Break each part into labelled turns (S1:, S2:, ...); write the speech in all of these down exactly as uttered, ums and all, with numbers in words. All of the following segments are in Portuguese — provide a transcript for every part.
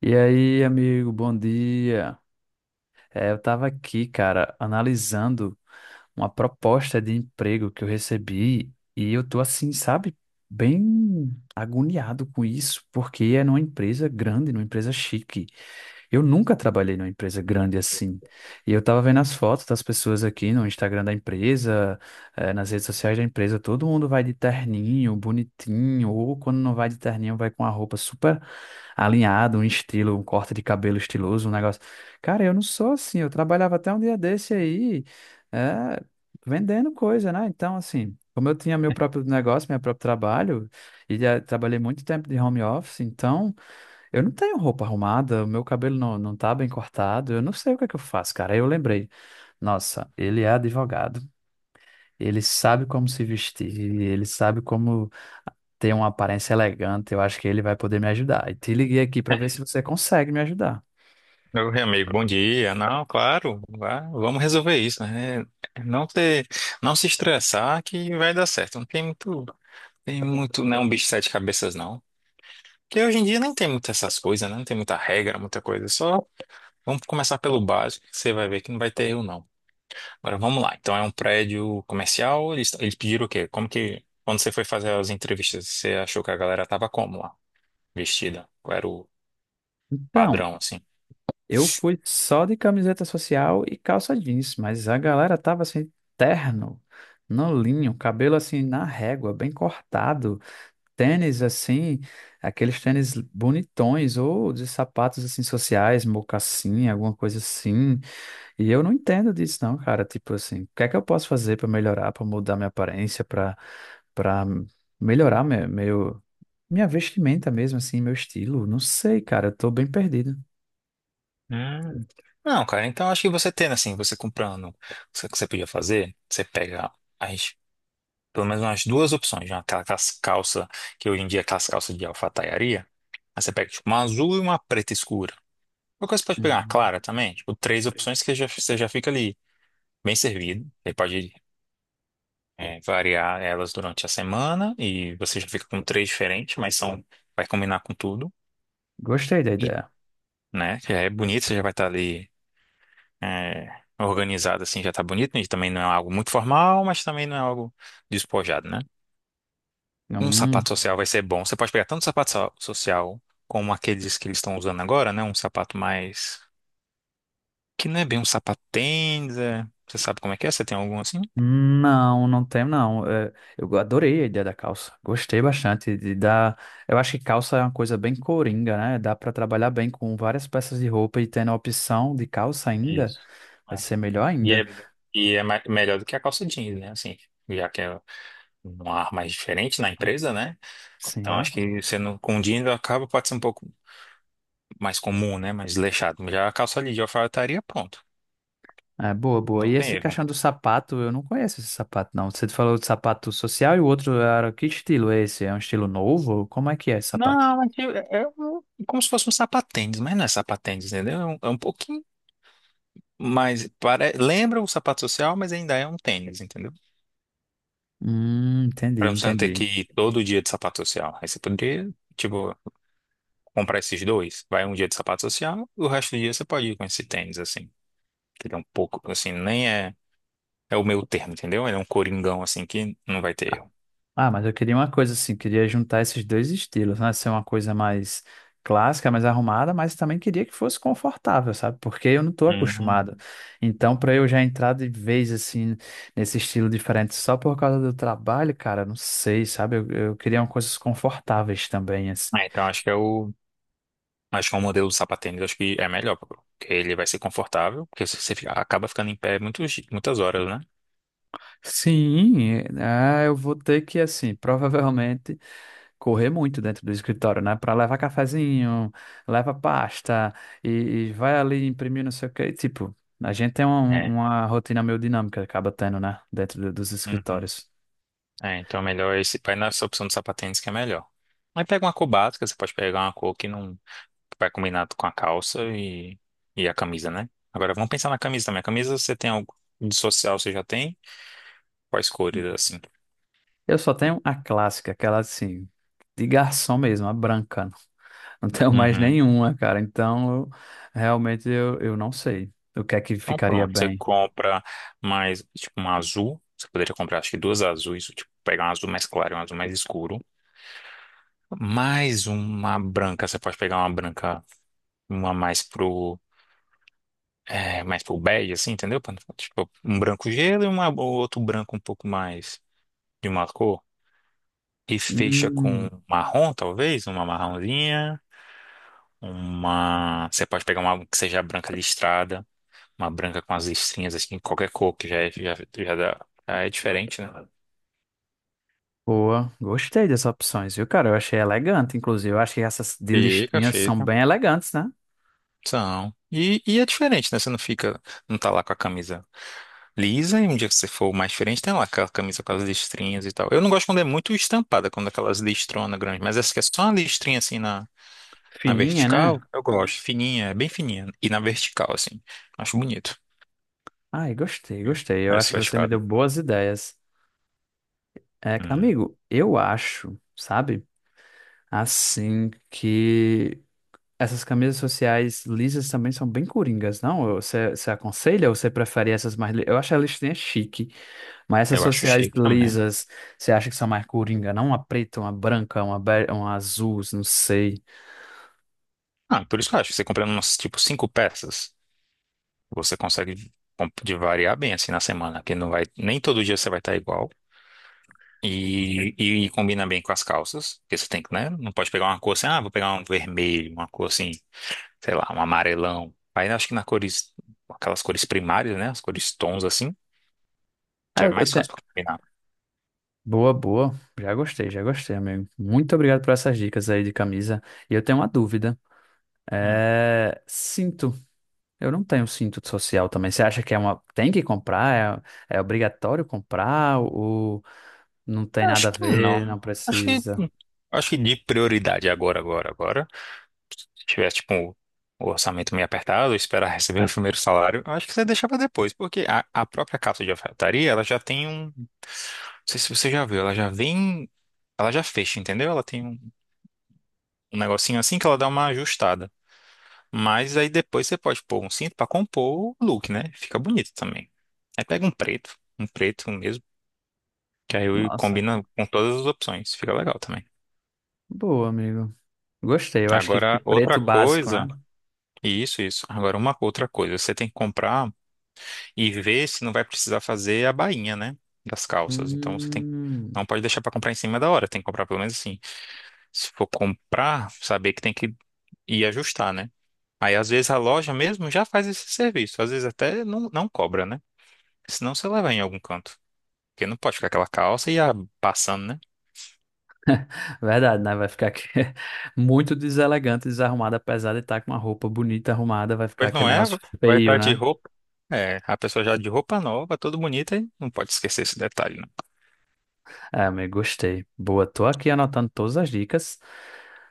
S1: E aí, amigo, bom dia. É, eu estava aqui, cara, analisando uma proposta de emprego que eu recebi e eu tô assim, sabe, bem agoniado com isso, porque é numa empresa grande, numa empresa chique. Eu nunca trabalhei numa empresa grande assim. E eu tava vendo as fotos das pessoas aqui no Instagram da empresa, eh, nas redes sociais da empresa, todo mundo vai de terninho, bonitinho, ou quando não vai de terninho, vai com a roupa super alinhada, um estilo, um corte de cabelo estiloso, um negócio. Cara, eu não sou assim, eu trabalhava até um dia desse aí, eh, vendendo coisa, né? Então, assim, como eu tinha meu próprio negócio, meu próprio trabalho, e já trabalhei muito tempo de home office, então. Eu não tenho roupa arrumada, o meu cabelo não, não tá bem cortado, eu não sei o que é que eu faço, cara. Aí eu lembrei, nossa, ele é advogado, ele sabe como se vestir, ele sabe como ter uma aparência elegante, eu acho que ele vai poder me ajudar. E te liguei aqui para ver se você consegue me ajudar.
S2: Meu amigo, bom dia. Não, claro, vá- vamos resolver isso, né? Não ter, não se estressar que vai dar certo. Não tem muito, tem muito, não é um bicho de sete cabeças, não. Porque hoje em dia nem tem muitas essas coisas, né? Não tem muita regra, muita coisa. Só vamos começar pelo básico, que você vai ver que não vai ter erro, não. Agora vamos lá. Então é um prédio comercial, eles, eles pediram o quê? Como que, quando você foi fazer as entrevistas, você achou que a galera tava como lá? Vestida? Qual era o
S1: Então,
S2: padrão, assim?
S1: eu fui só de camiseta social e calça jeans, mas a galera tava assim, terno, no linho, cabelo assim na régua, bem cortado. Tênis assim, aqueles tênis bonitões, ou de sapatos assim sociais, mocassim, alguma coisa assim. E eu não entendo disso, não, cara. Tipo assim, o que é que eu posso fazer para melhorar, para mudar minha aparência, para para melhorar meu, meu- minha vestimenta mesmo, assim, meu estilo? Não sei, cara. Eu tô bem perdido.
S2: Hum. Não, cara, então acho que você tendo assim, você comprando, o que você podia fazer, você pega as, pelo menos umas duas opções, né? Aquela cas- calça, que hoje em dia é aquelas calças de alfaiataria, aí você pega tipo uma azul e uma preta escura. Uma coisa você pode pegar uma
S1: Hum.
S2: clara também, tipo três opções que já, você já fica ali bem servido. Aí pode é, variar elas durante a semana e você já fica com três diferentes, mas são, vai combinar com tudo.
S1: Gostei da
S2: E,
S1: ideia.
S2: né, já é bonito, você já vai estar ali. É, organizado assim já tá bonito, né? E também não é algo muito formal, mas também não é algo despojado, né? Um
S1: Hum.
S2: sapato social vai ser bom. Você pode pegar tanto sapato so- social como aqueles que eles estão usando agora, né? Um sapato mais que não é bem um sapato tênis, é... Você sabe como é que é? Você tem algum assim?
S1: Não, não tem, não. É, eu adorei a ideia da calça. Gostei bastante de dar. Eu acho que calça é uma coisa bem coringa, né? Dá para trabalhar bem com várias peças de roupa e tendo a opção de calça ainda,
S2: Isso.
S1: vai
S2: É.
S1: ser melhor
S2: E
S1: ainda.
S2: é, e é ma- melhor do que a calça jeans, né? Assim, já que é um ar mais diferente na empresa, né? Então acho
S1: Sim.
S2: que você não, com jeans acaba pode ser um pouco mais comum, né? Mais leixado. Já a calça ali de alfaiataria, pronto.
S1: É boa, boa.
S2: Não
S1: E
S2: tem
S1: esse
S2: erro.
S1: caixão do sapato, eu não conheço esse sapato, não. Você falou de sapato social e o outro era que estilo é esse? É um estilo novo? Como é que é esse sapato?
S2: Não, mas eu- é, é um- como se fosse um sapatênis, mas não é sapatênis, entendeu? É um, é um pouquinho mais. Pare... Lembra o sapato social, mas ainda é um tênis, entendeu?
S1: Hum, entendi,
S2: Pra você não ter que
S1: entendi.
S2: ir todo dia de sapato social. Aí você poderia, tipo, comprar esses dois. Vai um dia de sapato social, o resto do dia você pode ir com esse tênis, assim. Que ele é um pouco, assim, nem é. É o meu termo, entendeu? Ele é um coringão, assim, que não vai ter erro.
S1: Ah, mas eu queria uma coisa assim, queria juntar esses dois estilos, né? Ser uma coisa mais clássica, mais arrumada, mas também queria que fosse confortável, sabe? Porque eu não estou
S2: Uhum.
S1: acostumado. Então, para eu já entrar de vez assim nesse estilo diferente só por causa do trabalho, cara, não sei, sabe? Eu, eu queria uma coisas confortáveis também, assim.
S2: Ah, então acho que é o. Acho que o modelo do sapatênis acho que é melhor, porque ele vai ser confortável, porque se você fica- acaba ficando em pé muitos, di- muitas horas, né?
S1: Sim, é, eu vou ter que, assim, provavelmente correr muito dentro do escritório, né? Para levar cafezinho, leva pasta e, e vai ali imprimir não sei o quê. Tipo, a gente tem uma,
S2: É.
S1: uma rotina meio dinâmica, acaba tendo, né? Dentro do- dos
S2: Uhum.
S1: escritórios.
S2: É, então é melhor esse, vai nessa opção do sapatênis que é melhor. Aí pega uma cor básica, você pode pegar uma cor que não que vai combinar com a calça e, e a camisa, né? Agora vamos pensar na camisa também. A camisa você tem algo de social, você já tem? Quais cores assim?
S1: Eu só tenho a clássica, aquela assim, de garçom mesmo, a branca. Não tenho mais
S2: Uhum.
S1: nenhuma, cara. Então, eu- realmente eu, eu não sei o que é que
S2: Então
S1: ficaria
S2: pronto, você
S1: bem.
S2: compra mais tipo um azul. Você poderia comprar acho que duas azuis, tipo, pegar um azul mais claro e um azul mais escuro. Mais uma branca, você pode pegar uma branca, uma mais pro, é, mais pro bege, assim, entendeu? Pra não ficar, tipo, um branco gelo e uma, ou outro branco um pouco mais de uma cor. E fecha com
S1: Hum,
S2: marrom, talvez, uma marronzinha, uma... Você pode pegar uma que seja branca listrada, uma branca com as listrinhas, assim, qualquer cor, que já é, já, já dá... já é diferente, né?
S1: boa. Gostei das opções, viu, cara? Eu achei elegante, inclusive. Eu achei essas de
S2: Fica,
S1: listinhas são
S2: fica.
S1: bem elegantes, né?
S2: São. E, e é diferente, né? Você não fica, não tá lá com a camisa lisa, e um dia que você for mais diferente, tem lá aquela camisa com as listrinhas e tal. Eu não gosto quando é muito estampada, quando é aquelas listronas grandes, mas essa que é só uma listrinha assim na, na
S1: Fininha, né?
S2: vertical, eu gosto. Fininha, é bem fininha. E na vertical, assim. Acho bonito.
S1: Ai, gostei, gostei. Eu acho
S2: Essa
S1: que você me deu
S2: vascada.
S1: boas ideias. É,
S2: Hum.
S1: amigo, eu acho, sabe? Assim que essas camisas sociais lisas também são bem coringas, não? Você, você aconselha ou você prefere essas mais... li- Eu acho a listinha chique, mas essas
S2: Eu acho
S1: sociais
S2: chique também.
S1: lisas, você acha que são mais coringa, não? Uma preta, uma branca, uma, be- uma azul, não sei.
S2: Ah, por isso que eu acho. Que Você comprando umas, tipo, cinco peças, você consegue comp- de variar bem assim na semana, que não vai, nem todo dia você vai estar igual. E, e combina bem com as calças, porque você tem que, né? Não pode pegar uma cor assim, ah, vou pegar um vermelho, uma cor assim. Sei lá, um amarelão. Aí eu acho que na cores, aquelas cores primárias, né? As cores tons assim, que
S1: Ah,
S2: é
S1: eu, eu
S2: mais
S1: tenho...
S2: fácil pra combinar.
S1: Boa, boa. Já gostei, já gostei, amigo. Muito obrigado por essas dicas aí de camisa. E eu tenho uma dúvida.
S2: Hum.
S1: É, cinto. Eu não tenho cinto social também. Você acha que é uma. Tem que comprar? É, é obrigatório comprar? Ou não tem nada
S2: Acho
S1: a
S2: que
S1: ver? Não
S2: não. Acho que,
S1: precisa?
S2: acho que de prioridade agora, agora, agora. Se tivesse, tipo, o orçamento meio apertado, esperar receber o primeiro salário, eu acho que você deixa pra depois, porque a, a própria calça de alfaiataria, ela já tem um. Não sei se você já viu, ela já vem. Ela já fecha, entendeu? Ela tem um um negocinho assim que ela dá uma ajustada. Mas aí depois você pode pôr um cinto pra compor o look, né? Fica bonito também. Aí pega um preto, um preto mesmo, que aí
S1: Nossa,
S2: combina com todas as opções. Fica legal também.
S1: boa, amigo. Gostei. Eu acho que, que
S2: Agora, outra
S1: preto básico,
S2: coisa,
S1: né?
S2: isso, isso. Agora, uma outra coisa, você tem que comprar e ver se não vai precisar fazer a bainha, né? Das calças. Então, você tem,
S1: Hum,
S2: não pode deixar pra comprar em cima da hora, tem que comprar pelo menos assim. Se for comprar, saber que tem que ir ajustar, né? Aí, às vezes, a loja mesmo já faz esse serviço, às vezes até não, não cobra, né? Senão você leva em algum canto. Porque não pode ficar aquela calça e a passando, né?
S1: verdade, né? Vai ficar aqui muito deselegante, desarrumado, apesar de estar com uma roupa bonita arrumada, vai ficar
S2: Pois não
S1: aquele
S2: é?
S1: negócio
S2: Vai
S1: feio,
S2: estar de
S1: né?
S2: roupa. É, a pessoa já de roupa nova, toda bonita, e não pode esquecer esse detalhe, né?
S1: Ah, amigo, gostei. Boa, tô aqui anotando todas as dicas.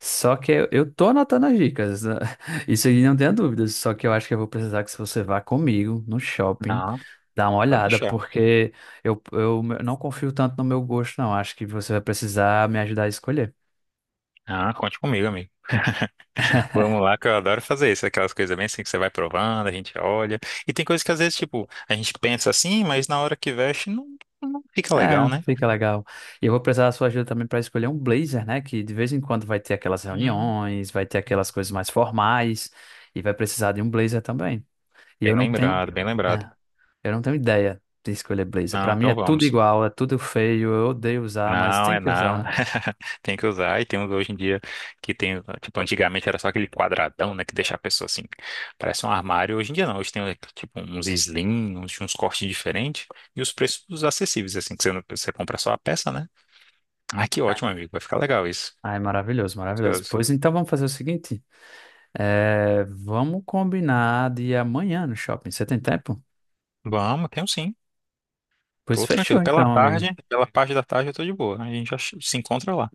S1: Só que eu eu tô anotando as dicas, né? Isso aí não tenha dúvidas. Só que eu acho que eu vou precisar que você vá comigo no shopping,
S2: Não,
S1: dar uma
S2: pode
S1: olhada,
S2: deixar.
S1: porque eu, eu não confio tanto no meu gosto, não. Acho que você vai precisar me ajudar a escolher.
S2: Ah, conte comigo, amigo. Vamos lá, que eu adoro fazer isso. Aquelas coisas bem assim que você vai provando, a gente olha. E tem coisas que às vezes, tipo, a gente pensa assim, mas na hora que veste não, não fica legal,
S1: É,
S2: né?
S1: fica legal. E eu vou precisar da sua ajuda também para escolher um blazer, né? Que de vez em quando vai ter aquelas
S2: Hum.
S1: reuniões, vai ter aquelas coisas mais formais, e vai precisar de um blazer também. E eu
S2: Bem
S1: não tenho.
S2: lembrado, bem lembrado.
S1: É. Eu não tenho ideia de escolher blazer.
S2: Não,
S1: Pra mim é
S2: então
S1: tudo
S2: vamos.
S1: igual, é tudo feio, eu odeio usar, mas
S2: Não,
S1: tem
S2: é
S1: que usar,
S2: não.
S1: né?
S2: Tem que usar. E tem uns hoje em dia que tem. Tipo, antigamente era só aquele quadradão, né? Que deixa a pessoa assim. Parece um armário. Hoje em dia não. Hoje tem, tipo, uns slim, uns, uns cortes diferentes. E os preços acessíveis, assim. Que você, não- você compra só a peça, né? Ah, que ótimo, amigo. Vai ficar legal isso.
S1: Ah, é maravilhoso, maravilhoso.
S2: Curioso.
S1: Pois então vamos fazer o seguinte, é, vamos combinar de ir amanhã no shopping. Você tem tempo?
S2: Vamos, tenho sim.
S1: Pois
S2: Tô
S1: fechou
S2: tranquilo. Pela
S1: então, amigo.
S2: tarde, pela parte da tarde eu tô de boa. A gente já se encontra lá.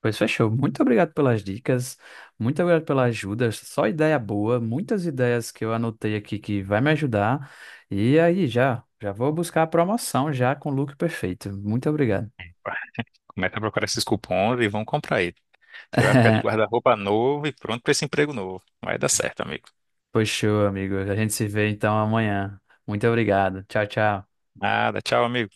S1: Pois fechou. Muito obrigado pelas dicas, muito obrigado pela ajuda. Só ideia boa, muitas ideias que eu anotei aqui que vai me ajudar. E aí já, já vou buscar a promoção já com o look perfeito. Muito obrigado.
S2: Começa a procurar esses cupons e vão comprar aí. Você vai ficar de guarda-roupa novo e pronto pra esse emprego novo. Vai dar certo, amigo.
S1: Pois amigo. A gente se vê então amanhã. Muito obrigado. Tchau, tchau.
S2: Nada, tchau, amigo.